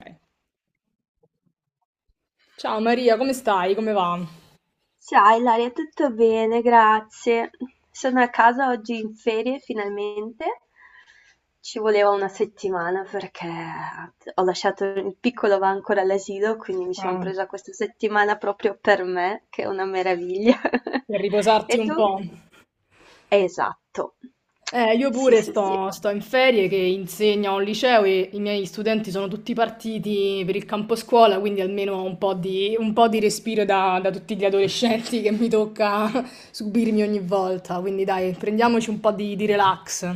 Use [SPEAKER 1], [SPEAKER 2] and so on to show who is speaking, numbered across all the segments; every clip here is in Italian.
[SPEAKER 1] Ok. Ciao Maria, come stai? Come va?
[SPEAKER 2] Ciao Ilaria, tutto bene, grazie. Sono a casa oggi in ferie finalmente. Ci voleva una settimana perché ho lasciato il piccolo va ancora all'asilo, quindi mi sono
[SPEAKER 1] Ah,
[SPEAKER 2] presa questa settimana proprio per me, che è una meraviglia.
[SPEAKER 1] per riposarti
[SPEAKER 2] E
[SPEAKER 1] un
[SPEAKER 2] tu?
[SPEAKER 1] po'.
[SPEAKER 2] Esatto.
[SPEAKER 1] Io
[SPEAKER 2] Sì,
[SPEAKER 1] pure
[SPEAKER 2] sì, sì.
[SPEAKER 1] sto in ferie che insegno a un liceo e i miei studenti sono tutti partiti per il campo scuola, quindi almeno ho un po' di respiro da tutti gli adolescenti che mi tocca subirmi ogni volta. Quindi dai, prendiamoci di relax.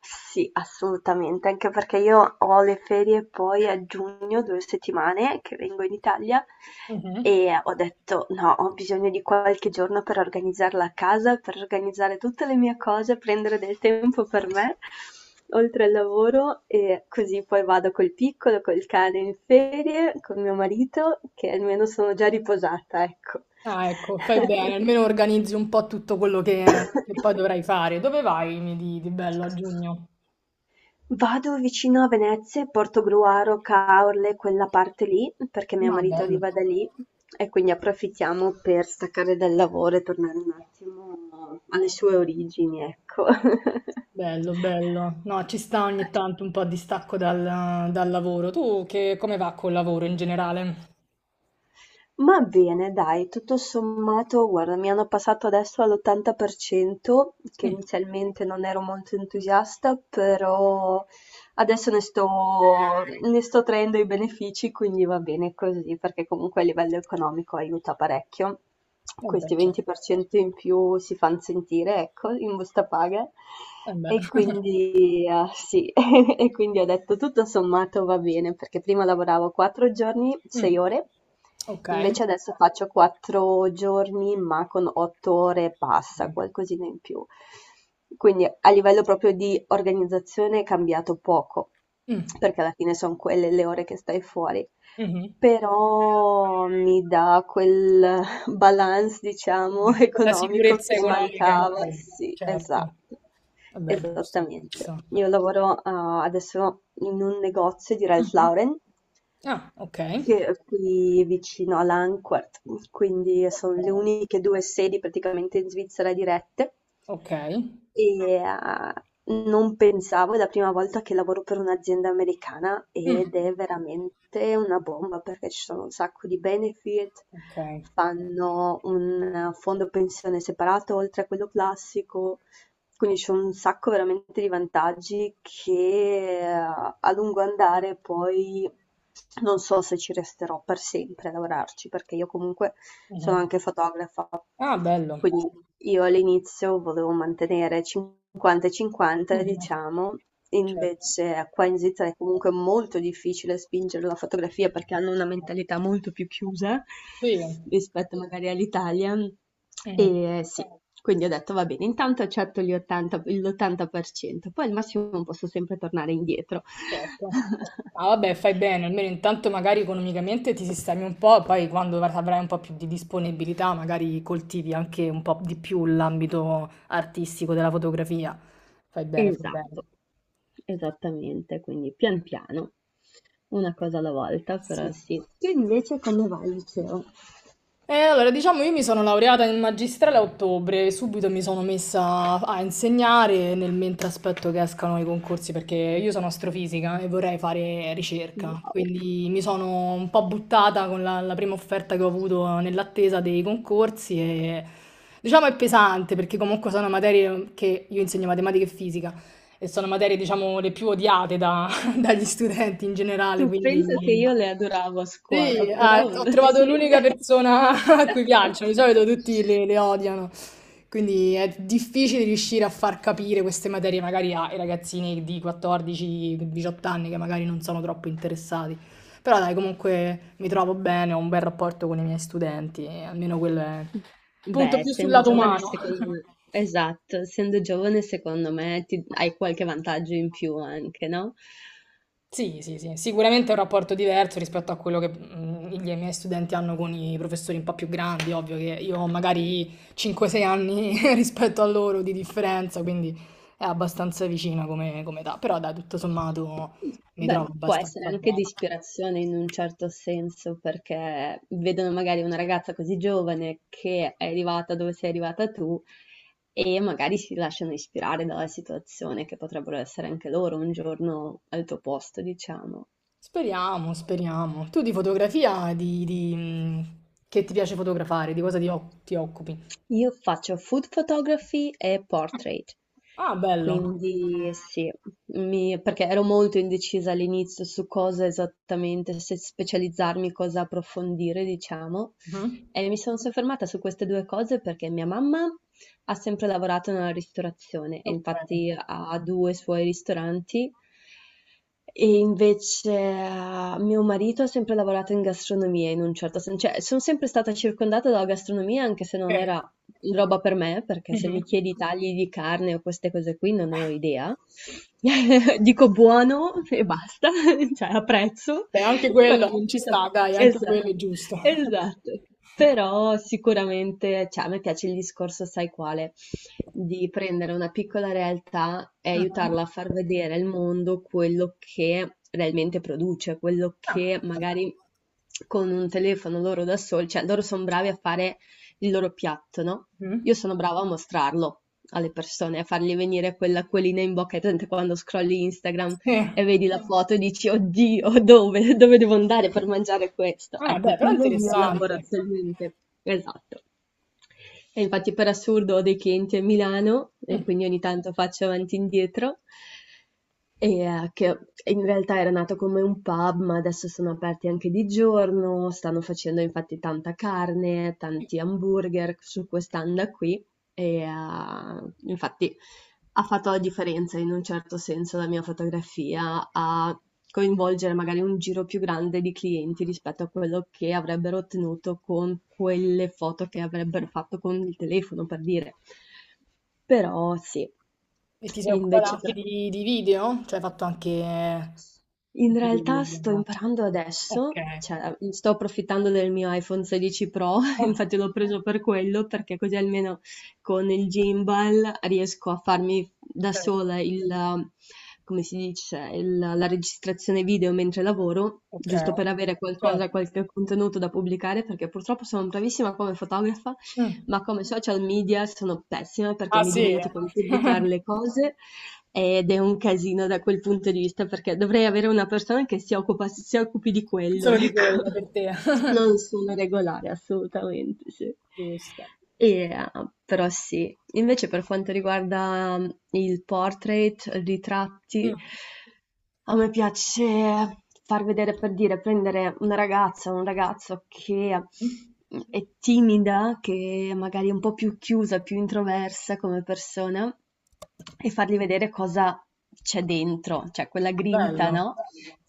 [SPEAKER 2] Sì, assolutamente, anche perché io ho le ferie poi a giugno, 2 settimane che vengo in Italia
[SPEAKER 1] Mhm.
[SPEAKER 2] e ho detto no, ho bisogno di qualche giorno per organizzarla a casa, per organizzare tutte le mie cose, prendere del tempo per me, oltre al lavoro e così poi vado col piccolo, col cane in ferie, con mio marito, che almeno sono già riposata, ecco.
[SPEAKER 1] Ah, ecco, fai bene, almeno organizzi un po' tutto quello che poi dovrai fare. Dove vai mi di bello a giugno?
[SPEAKER 2] Vado vicino a Venezia e Portogruaro, Caorle, quella parte lì, perché mio
[SPEAKER 1] Ma
[SPEAKER 2] marito
[SPEAKER 1] bello.
[SPEAKER 2] arriva da lì e quindi approfittiamo per staccare dal lavoro e tornare un attimo alle sue origini, ecco.
[SPEAKER 1] Bello, bello. No, ci sta ogni tanto un po' di stacco dal lavoro. Tu come va col lavoro in generale?
[SPEAKER 2] Ma bene, dai, tutto sommato, guarda, mi hanno passato adesso all'80%, che
[SPEAKER 1] Mm.
[SPEAKER 2] inizialmente non ero molto entusiasta, però adesso ne sto traendo i benefici, quindi va bene così, perché comunque a livello economico aiuta parecchio.
[SPEAKER 1] Eh beh,
[SPEAKER 2] Questi
[SPEAKER 1] certo.
[SPEAKER 2] 20% in più si fanno sentire, ecco, in busta paga.
[SPEAKER 1] Eh beh.
[SPEAKER 2] E quindi, ah, sì, e quindi ho detto tutto sommato va bene, perché prima lavoravo 4 giorni, 6
[SPEAKER 1] Mm.
[SPEAKER 2] ore.
[SPEAKER 1] Ok.
[SPEAKER 2] Invece adesso faccio 4 giorni, ma con 8 ore e passa,
[SPEAKER 1] Mm.
[SPEAKER 2] qualcosina in più. Quindi a livello proprio di organizzazione è cambiato poco, perché alla fine sono quelle le ore che stai fuori,
[SPEAKER 1] Mhm.
[SPEAKER 2] però mi dà quel balance, diciamo,
[SPEAKER 1] Quindi quella
[SPEAKER 2] economico
[SPEAKER 1] sicurezza
[SPEAKER 2] che
[SPEAKER 1] economica in
[SPEAKER 2] mancava.
[SPEAKER 1] più,
[SPEAKER 2] Sì,
[SPEAKER 1] certo.
[SPEAKER 2] esatto,
[SPEAKER 1] Vabbè, giusto,
[SPEAKER 2] esattamente.
[SPEAKER 1] giusto.
[SPEAKER 2] Io lavoro, adesso in un negozio di Ralph
[SPEAKER 1] Mhm.
[SPEAKER 2] Lauren
[SPEAKER 1] Ah, ok.
[SPEAKER 2] che è qui vicino a Lanquart, quindi sono le
[SPEAKER 1] Ok.
[SPEAKER 2] uniche due sedi praticamente in Svizzera dirette.
[SPEAKER 1] Ok.
[SPEAKER 2] E non pensavo, è la prima volta che lavoro per un'azienda americana ed
[SPEAKER 1] Mm.
[SPEAKER 2] è veramente una bomba perché ci sono un sacco di benefit,
[SPEAKER 1] Ok.
[SPEAKER 2] fanno un fondo pensione separato oltre a quello classico, quindi c'è un sacco veramente di vantaggi che a lungo andare poi non so se ci resterò per sempre a lavorarci perché io comunque sono
[SPEAKER 1] Mhm.
[SPEAKER 2] anche fotografa,
[SPEAKER 1] Ah, bello.
[SPEAKER 2] quindi io all'inizio volevo mantenere 50 e 50,
[SPEAKER 1] Mh-mh.
[SPEAKER 2] diciamo,
[SPEAKER 1] Certo.
[SPEAKER 2] invece qua in Svizzera è comunque molto difficile spingere la fotografia perché hanno una mentalità molto più chiusa
[SPEAKER 1] Sì.
[SPEAKER 2] rispetto magari all'Italia.
[SPEAKER 1] Mh.
[SPEAKER 2] E sì, quindi ho detto va bene, intanto accetto gli 80, l'80%, poi al massimo posso sempre tornare indietro.
[SPEAKER 1] Certo. Ah vabbè, fai bene, almeno intanto magari economicamente ti sistemi un po', poi quando av avrai un po' più di disponibilità magari coltivi anche un po' di più l'ambito artistico della fotografia. Fai bene, fai bene.
[SPEAKER 2] Esatto. Esattamente, quindi pian piano, una cosa alla
[SPEAKER 1] Ma
[SPEAKER 2] volta,
[SPEAKER 1] sì.
[SPEAKER 2] però sì. Tu invece come vai al liceo?
[SPEAKER 1] Allora, diciamo, io mi sono laureata in magistrale a ottobre e subito mi sono messa a insegnare nel mentre aspetto che escano i concorsi perché io sono astrofisica e vorrei fare ricerca,
[SPEAKER 2] Wow.
[SPEAKER 1] quindi mi sono un po' buttata con la prima offerta che ho avuto nell'attesa dei concorsi e diciamo è pesante perché comunque sono materie che io insegno matematica e fisica e sono materie, diciamo, le più dagli studenti in generale,
[SPEAKER 2] Tu
[SPEAKER 1] quindi...
[SPEAKER 2] pensa che io le adoravo a scuola,
[SPEAKER 1] Sì, ah,
[SPEAKER 2] però
[SPEAKER 1] ho trovato
[SPEAKER 2] sì.
[SPEAKER 1] l'unica persona a cui piacciono, di solito tutti le odiano, quindi è difficile riuscire a far capire queste materie magari ai ragazzini di 14-18 anni che magari non sono troppo interessati, però dai, comunque mi trovo bene, ho un bel rapporto con i miei studenti, e almeno quello è punto
[SPEAKER 2] Beh,
[SPEAKER 1] più sul
[SPEAKER 2] essendo
[SPEAKER 1] lato
[SPEAKER 2] giovane,
[SPEAKER 1] umano.
[SPEAKER 2] secondo me, esatto, essendo giovane, secondo me hai qualche vantaggio in più anche, no?
[SPEAKER 1] Sì, sì, sì, sicuramente è un rapporto diverso rispetto a quello che i miei studenti hanno con i professori un po' più grandi, ovvio che io ho magari 5-6 anni rispetto a loro di differenza, quindi è abbastanza vicina come età, però dai, tutto sommato mi
[SPEAKER 2] Beh,
[SPEAKER 1] trovo
[SPEAKER 2] può essere
[SPEAKER 1] abbastanza
[SPEAKER 2] anche
[SPEAKER 1] bene.
[SPEAKER 2] di ispirazione in un certo senso, perché vedono magari una ragazza così giovane che è arrivata dove sei arrivata tu e magari si lasciano ispirare dalla situazione, che potrebbero essere anche loro un giorno al tuo posto, diciamo.
[SPEAKER 1] Speriamo, speriamo. Tu di fotografia, che ti piace fotografare, di cosa ti occupi?
[SPEAKER 2] Io faccio food photography e portrait,
[SPEAKER 1] Ah, bello.
[SPEAKER 2] quindi sì, perché ero molto indecisa all'inizio su cosa esattamente, se specializzarmi, cosa approfondire, diciamo,
[SPEAKER 1] Mhm.
[SPEAKER 2] e mi sono soffermata su queste due cose perché mia mamma ha sempre lavorato nella ristorazione e
[SPEAKER 1] Ok.
[SPEAKER 2] infatti ha due suoi ristoranti. E invece mio marito ha sempre lavorato in gastronomia in un certo senso, cioè sono sempre stata circondata dalla gastronomia anche se
[SPEAKER 1] Ok.
[SPEAKER 2] non era roba per me, perché se mi
[SPEAKER 1] Mhm.
[SPEAKER 2] chiedi tagli di carne o queste cose qui non ne ho idea. Dico buono e basta, cioè apprezzo,
[SPEAKER 1] Beh, anche
[SPEAKER 2] però
[SPEAKER 1] quello
[SPEAKER 2] non
[SPEAKER 1] ci
[SPEAKER 2] ti saprei.
[SPEAKER 1] sta, dai, anche quello è
[SPEAKER 2] Esatto,
[SPEAKER 1] giusto.
[SPEAKER 2] esatto. Però sicuramente, cioè, a me piace il discorso, sai quale, di prendere una piccola realtà e
[SPEAKER 1] Ah,
[SPEAKER 2] aiutarla a far vedere al mondo quello che realmente produce, quello
[SPEAKER 1] ah,
[SPEAKER 2] che magari con un telefono loro da soli, cioè loro sono bravi a fare il loro piatto, no?
[SPEAKER 1] mm.
[SPEAKER 2] Io sono brava a mostrarlo alle persone, a fargli venire quell'acquolina in bocca. Hai presente quando scrolli Instagram
[SPEAKER 1] Sì.
[SPEAKER 2] e vedi la Sì. foto e dici, oddio, dove, dove devo andare per mangiare questo?
[SPEAKER 1] Ah, beh,
[SPEAKER 2] Ecco,
[SPEAKER 1] però è
[SPEAKER 2] quello è il mio lavoro
[SPEAKER 1] interessante.
[SPEAKER 2] attualmente. Esatto. E infatti per assurdo ho dei clienti a Milano e
[SPEAKER 1] Mm.
[SPEAKER 2] quindi ogni tanto faccio avanti e indietro. E, che in realtà era nato come un pub, ma adesso sono aperti anche di giorno, stanno facendo infatti tanta carne, tanti hamburger su quest'anda qui. E infatti ha fatto la differenza in un certo senso la mia fotografia a coinvolgere magari un giro più grande di clienti rispetto a quello che avrebbero ottenuto con quelle foto che avrebbero fatto con il telefono, per dire. Però sì,
[SPEAKER 1] E ti sei
[SPEAKER 2] e
[SPEAKER 1] occupata
[SPEAKER 2] invece
[SPEAKER 1] anche
[SPEAKER 2] per
[SPEAKER 1] di video? Cioè hai fatto anche
[SPEAKER 2] in
[SPEAKER 1] video
[SPEAKER 2] realtà sto
[SPEAKER 1] per...
[SPEAKER 2] imparando
[SPEAKER 1] Ok.
[SPEAKER 2] adesso, cioè sto approfittando del mio iPhone 16 Pro,
[SPEAKER 1] Ah,
[SPEAKER 2] infatti l'ho preso per quello, perché così almeno con il gimbal riesco a farmi da
[SPEAKER 1] certo.
[SPEAKER 2] sola il, come si dice, la registrazione video mentre lavoro,
[SPEAKER 1] Ok,
[SPEAKER 2] giusto per avere
[SPEAKER 1] certo.
[SPEAKER 2] qualcosa, qualche contenuto da pubblicare, perché purtroppo sono bravissima come fotografa,
[SPEAKER 1] Mm.
[SPEAKER 2] ma come social media sono pessima perché
[SPEAKER 1] Ah
[SPEAKER 2] mi
[SPEAKER 1] sì,
[SPEAKER 2] dimentico di pubblicare le cose ed è un casino da quel punto di vista perché dovrei avere una persona che si occupa, si occupi di quello,
[SPEAKER 1] solo di
[SPEAKER 2] ecco.
[SPEAKER 1] quello per te.
[SPEAKER 2] Non sono regolare assolutamente, sì. E,
[SPEAKER 1] Giusto.
[SPEAKER 2] eh, però sì, invece per quanto riguarda il portrait, ritratti,
[SPEAKER 1] Mm.
[SPEAKER 2] a me piace far vedere, per dire, prendere una ragazza o un ragazzo che è timida, che magari è un po' più chiusa, più introversa come persona, e fargli vedere cosa c'è dentro, cioè quella grinta,
[SPEAKER 1] Bello.
[SPEAKER 2] no?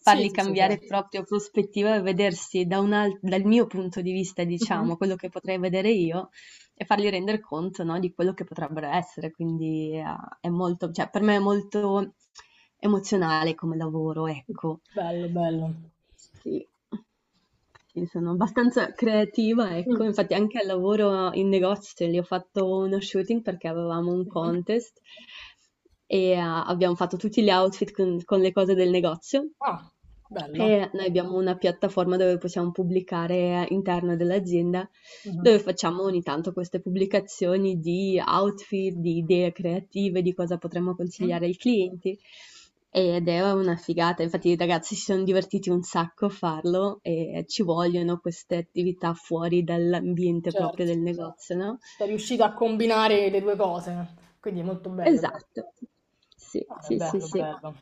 [SPEAKER 1] Sì, sì, sì,
[SPEAKER 2] cambiare
[SPEAKER 1] certo.
[SPEAKER 2] proprio prospettiva e vedersi da dal mio punto di vista,
[SPEAKER 1] Mhm.
[SPEAKER 2] diciamo, quello che potrei vedere io, e fargli rendere conto, no, di quello che potrebbero essere. Quindi è molto, cioè, per me è molto emozionale come lavoro, ecco.
[SPEAKER 1] Bello, bello.
[SPEAKER 2] Sì. Sì, sono abbastanza creativa, ecco,
[SPEAKER 1] Mm.
[SPEAKER 2] infatti anche al lavoro in negozio lì ho fatto uno shooting perché avevamo un
[SPEAKER 1] Mh-mh.
[SPEAKER 2] contest e abbiamo fatto tutti gli outfit con le cose del negozio
[SPEAKER 1] Ah, bello.
[SPEAKER 2] e noi abbiamo una piattaforma dove possiamo pubblicare all'interno dell'azienda
[SPEAKER 1] Mh-mh.
[SPEAKER 2] dove facciamo ogni tanto queste pubblicazioni di outfit, di idee creative, di cosa potremmo consigliare ai clienti. Ed è una figata, infatti i ragazzi si sono divertiti un sacco a farlo e ci vogliono queste attività fuori dall'ambiente proprio
[SPEAKER 1] Certo.
[SPEAKER 2] del negozio, no?
[SPEAKER 1] Sei riuscita a combinare le 2 cose, quindi è molto bello, dai.
[SPEAKER 2] Esatto, sì,
[SPEAKER 1] Ah, è
[SPEAKER 2] sì, sì,
[SPEAKER 1] bello,
[SPEAKER 2] sì.
[SPEAKER 1] bello.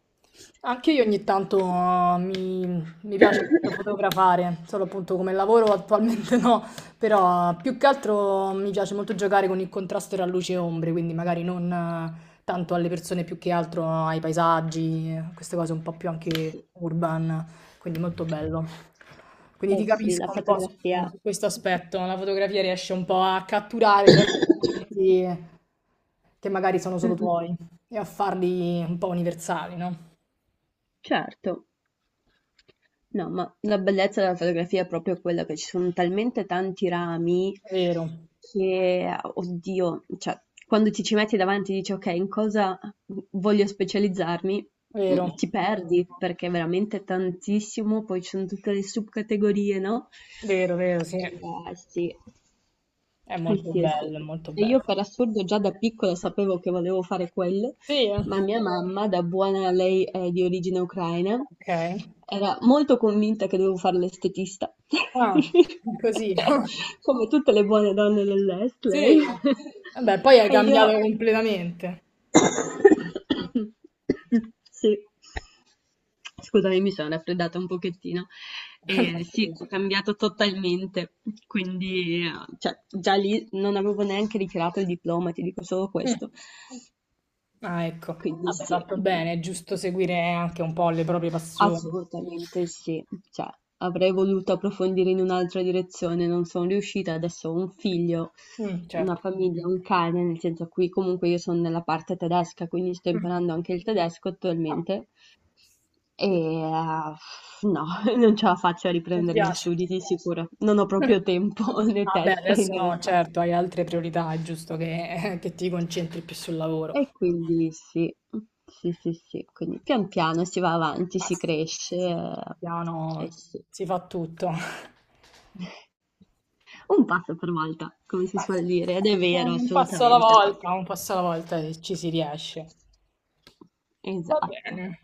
[SPEAKER 1] Anche io ogni tanto mi piace molto fotografare, solo appunto come lavoro attualmente no, però più che altro mi piace molto giocare con il contrasto tra luce e ombre, quindi magari non tanto alle persone più che altro ai paesaggi, queste cose un po' più
[SPEAKER 2] Sì,
[SPEAKER 1] anche urban, quindi molto bello. Quindi
[SPEAKER 2] eh
[SPEAKER 1] ti
[SPEAKER 2] sì, la
[SPEAKER 1] capisco un po'
[SPEAKER 2] fotografia.
[SPEAKER 1] su questo aspetto, la fotografia riesce un po' a catturare certi momenti che magari sono
[SPEAKER 2] Mm,
[SPEAKER 1] solo
[SPEAKER 2] mm,
[SPEAKER 1] tuoi e a farli un po' universali, no?
[SPEAKER 2] certo. No, ma la bellezza della fotografia è proprio quella che ci sono talmente tanti rami
[SPEAKER 1] Vero,
[SPEAKER 2] che, oddio, cioè, quando ti ci metti davanti e dici, ok, in cosa voglio specializzarmi,
[SPEAKER 1] vero,
[SPEAKER 2] ti perdi perché è veramente tantissimo, poi ci sono tutte le subcategorie, no?
[SPEAKER 1] vero, vero, sì.
[SPEAKER 2] E, sì.
[SPEAKER 1] È
[SPEAKER 2] Eh
[SPEAKER 1] molto
[SPEAKER 2] sì, eh sì.
[SPEAKER 1] bello, è molto
[SPEAKER 2] E io
[SPEAKER 1] bello.
[SPEAKER 2] per assurdo già da piccola sapevo che volevo fare quello,
[SPEAKER 1] Sì,
[SPEAKER 2] ma mia mamma, da buona lei è di origine ucraina,
[SPEAKER 1] ok.
[SPEAKER 2] era molto convinta che dovevo fare l'estetista,
[SPEAKER 1] Ah, così, no?
[SPEAKER 2] come tutte le buone donne dell'est, lei.
[SPEAKER 1] Sì. Vabbè, poi hai
[SPEAKER 2] E io
[SPEAKER 1] cambiato completamente.
[SPEAKER 2] sì. Scusami, mi sono raffreddata un pochettino. E sì, ho cambiato totalmente, quindi cioè, già lì non avevo neanche ritirato il diploma, ti dico solo
[SPEAKER 1] Mm.
[SPEAKER 2] questo.
[SPEAKER 1] Ah, ecco.
[SPEAKER 2] Quindi
[SPEAKER 1] Vabbè,
[SPEAKER 2] sì,
[SPEAKER 1] fatto bene, è giusto seguire anche un po' le proprie passioni.
[SPEAKER 2] assolutamente sì. Cioè, avrei voluto approfondire in un'altra direzione, non sono riuscita, adesso ho un figlio,
[SPEAKER 1] Mm, certo.
[SPEAKER 2] una famiglia, un cane, nel senso qui comunque io sono nella parte tedesca, quindi sto
[SPEAKER 1] Mm.
[SPEAKER 2] imparando anche il tedesco
[SPEAKER 1] Ah.
[SPEAKER 2] attualmente. E
[SPEAKER 1] bene.
[SPEAKER 2] no, non ce la faccio a
[SPEAKER 1] Non ti
[SPEAKER 2] riprendere gli
[SPEAKER 1] piace?
[SPEAKER 2] studi di sicuro. Non ho
[SPEAKER 1] Mm.
[SPEAKER 2] proprio tempo né
[SPEAKER 1] Ah, beh,
[SPEAKER 2] testa in
[SPEAKER 1] adesso no,
[SPEAKER 2] realtà.
[SPEAKER 1] certo, hai altre priorità, è giusto che, che ti concentri più sul
[SPEAKER 2] E
[SPEAKER 1] lavoro.
[SPEAKER 2] quindi sì, sì, sì, sì. Quindi pian piano si va avanti, si
[SPEAKER 1] Basta.
[SPEAKER 2] cresce
[SPEAKER 1] Pian
[SPEAKER 2] e
[SPEAKER 1] piano
[SPEAKER 2] sì.
[SPEAKER 1] si fa tutto.
[SPEAKER 2] Un passo per volta, come si
[SPEAKER 1] Ma
[SPEAKER 2] suol
[SPEAKER 1] sì,
[SPEAKER 2] dire, ed è vero,
[SPEAKER 1] un passo alla
[SPEAKER 2] assolutamente.
[SPEAKER 1] volta, un passo alla volta e ci si riesce. Va
[SPEAKER 2] Esatto.
[SPEAKER 1] bene.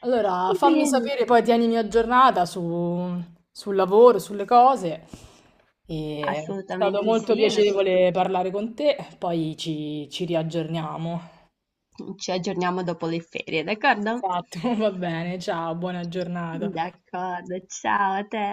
[SPEAKER 1] Allora, fammi
[SPEAKER 2] Bene,
[SPEAKER 1] sapere, poi tienimi aggiornata sul lavoro, sulle cose. E è stato
[SPEAKER 2] assolutamente
[SPEAKER 1] molto
[SPEAKER 2] sì. Adesso
[SPEAKER 1] piacevole parlare con te, poi ci riaggiorniamo.
[SPEAKER 2] ci aggiorniamo dopo le ferie, d'accordo?
[SPEAKER 1] Esatto, va bene, ciao, buona giornata.
[SPEAKER 2] D'accordo, ciao a te.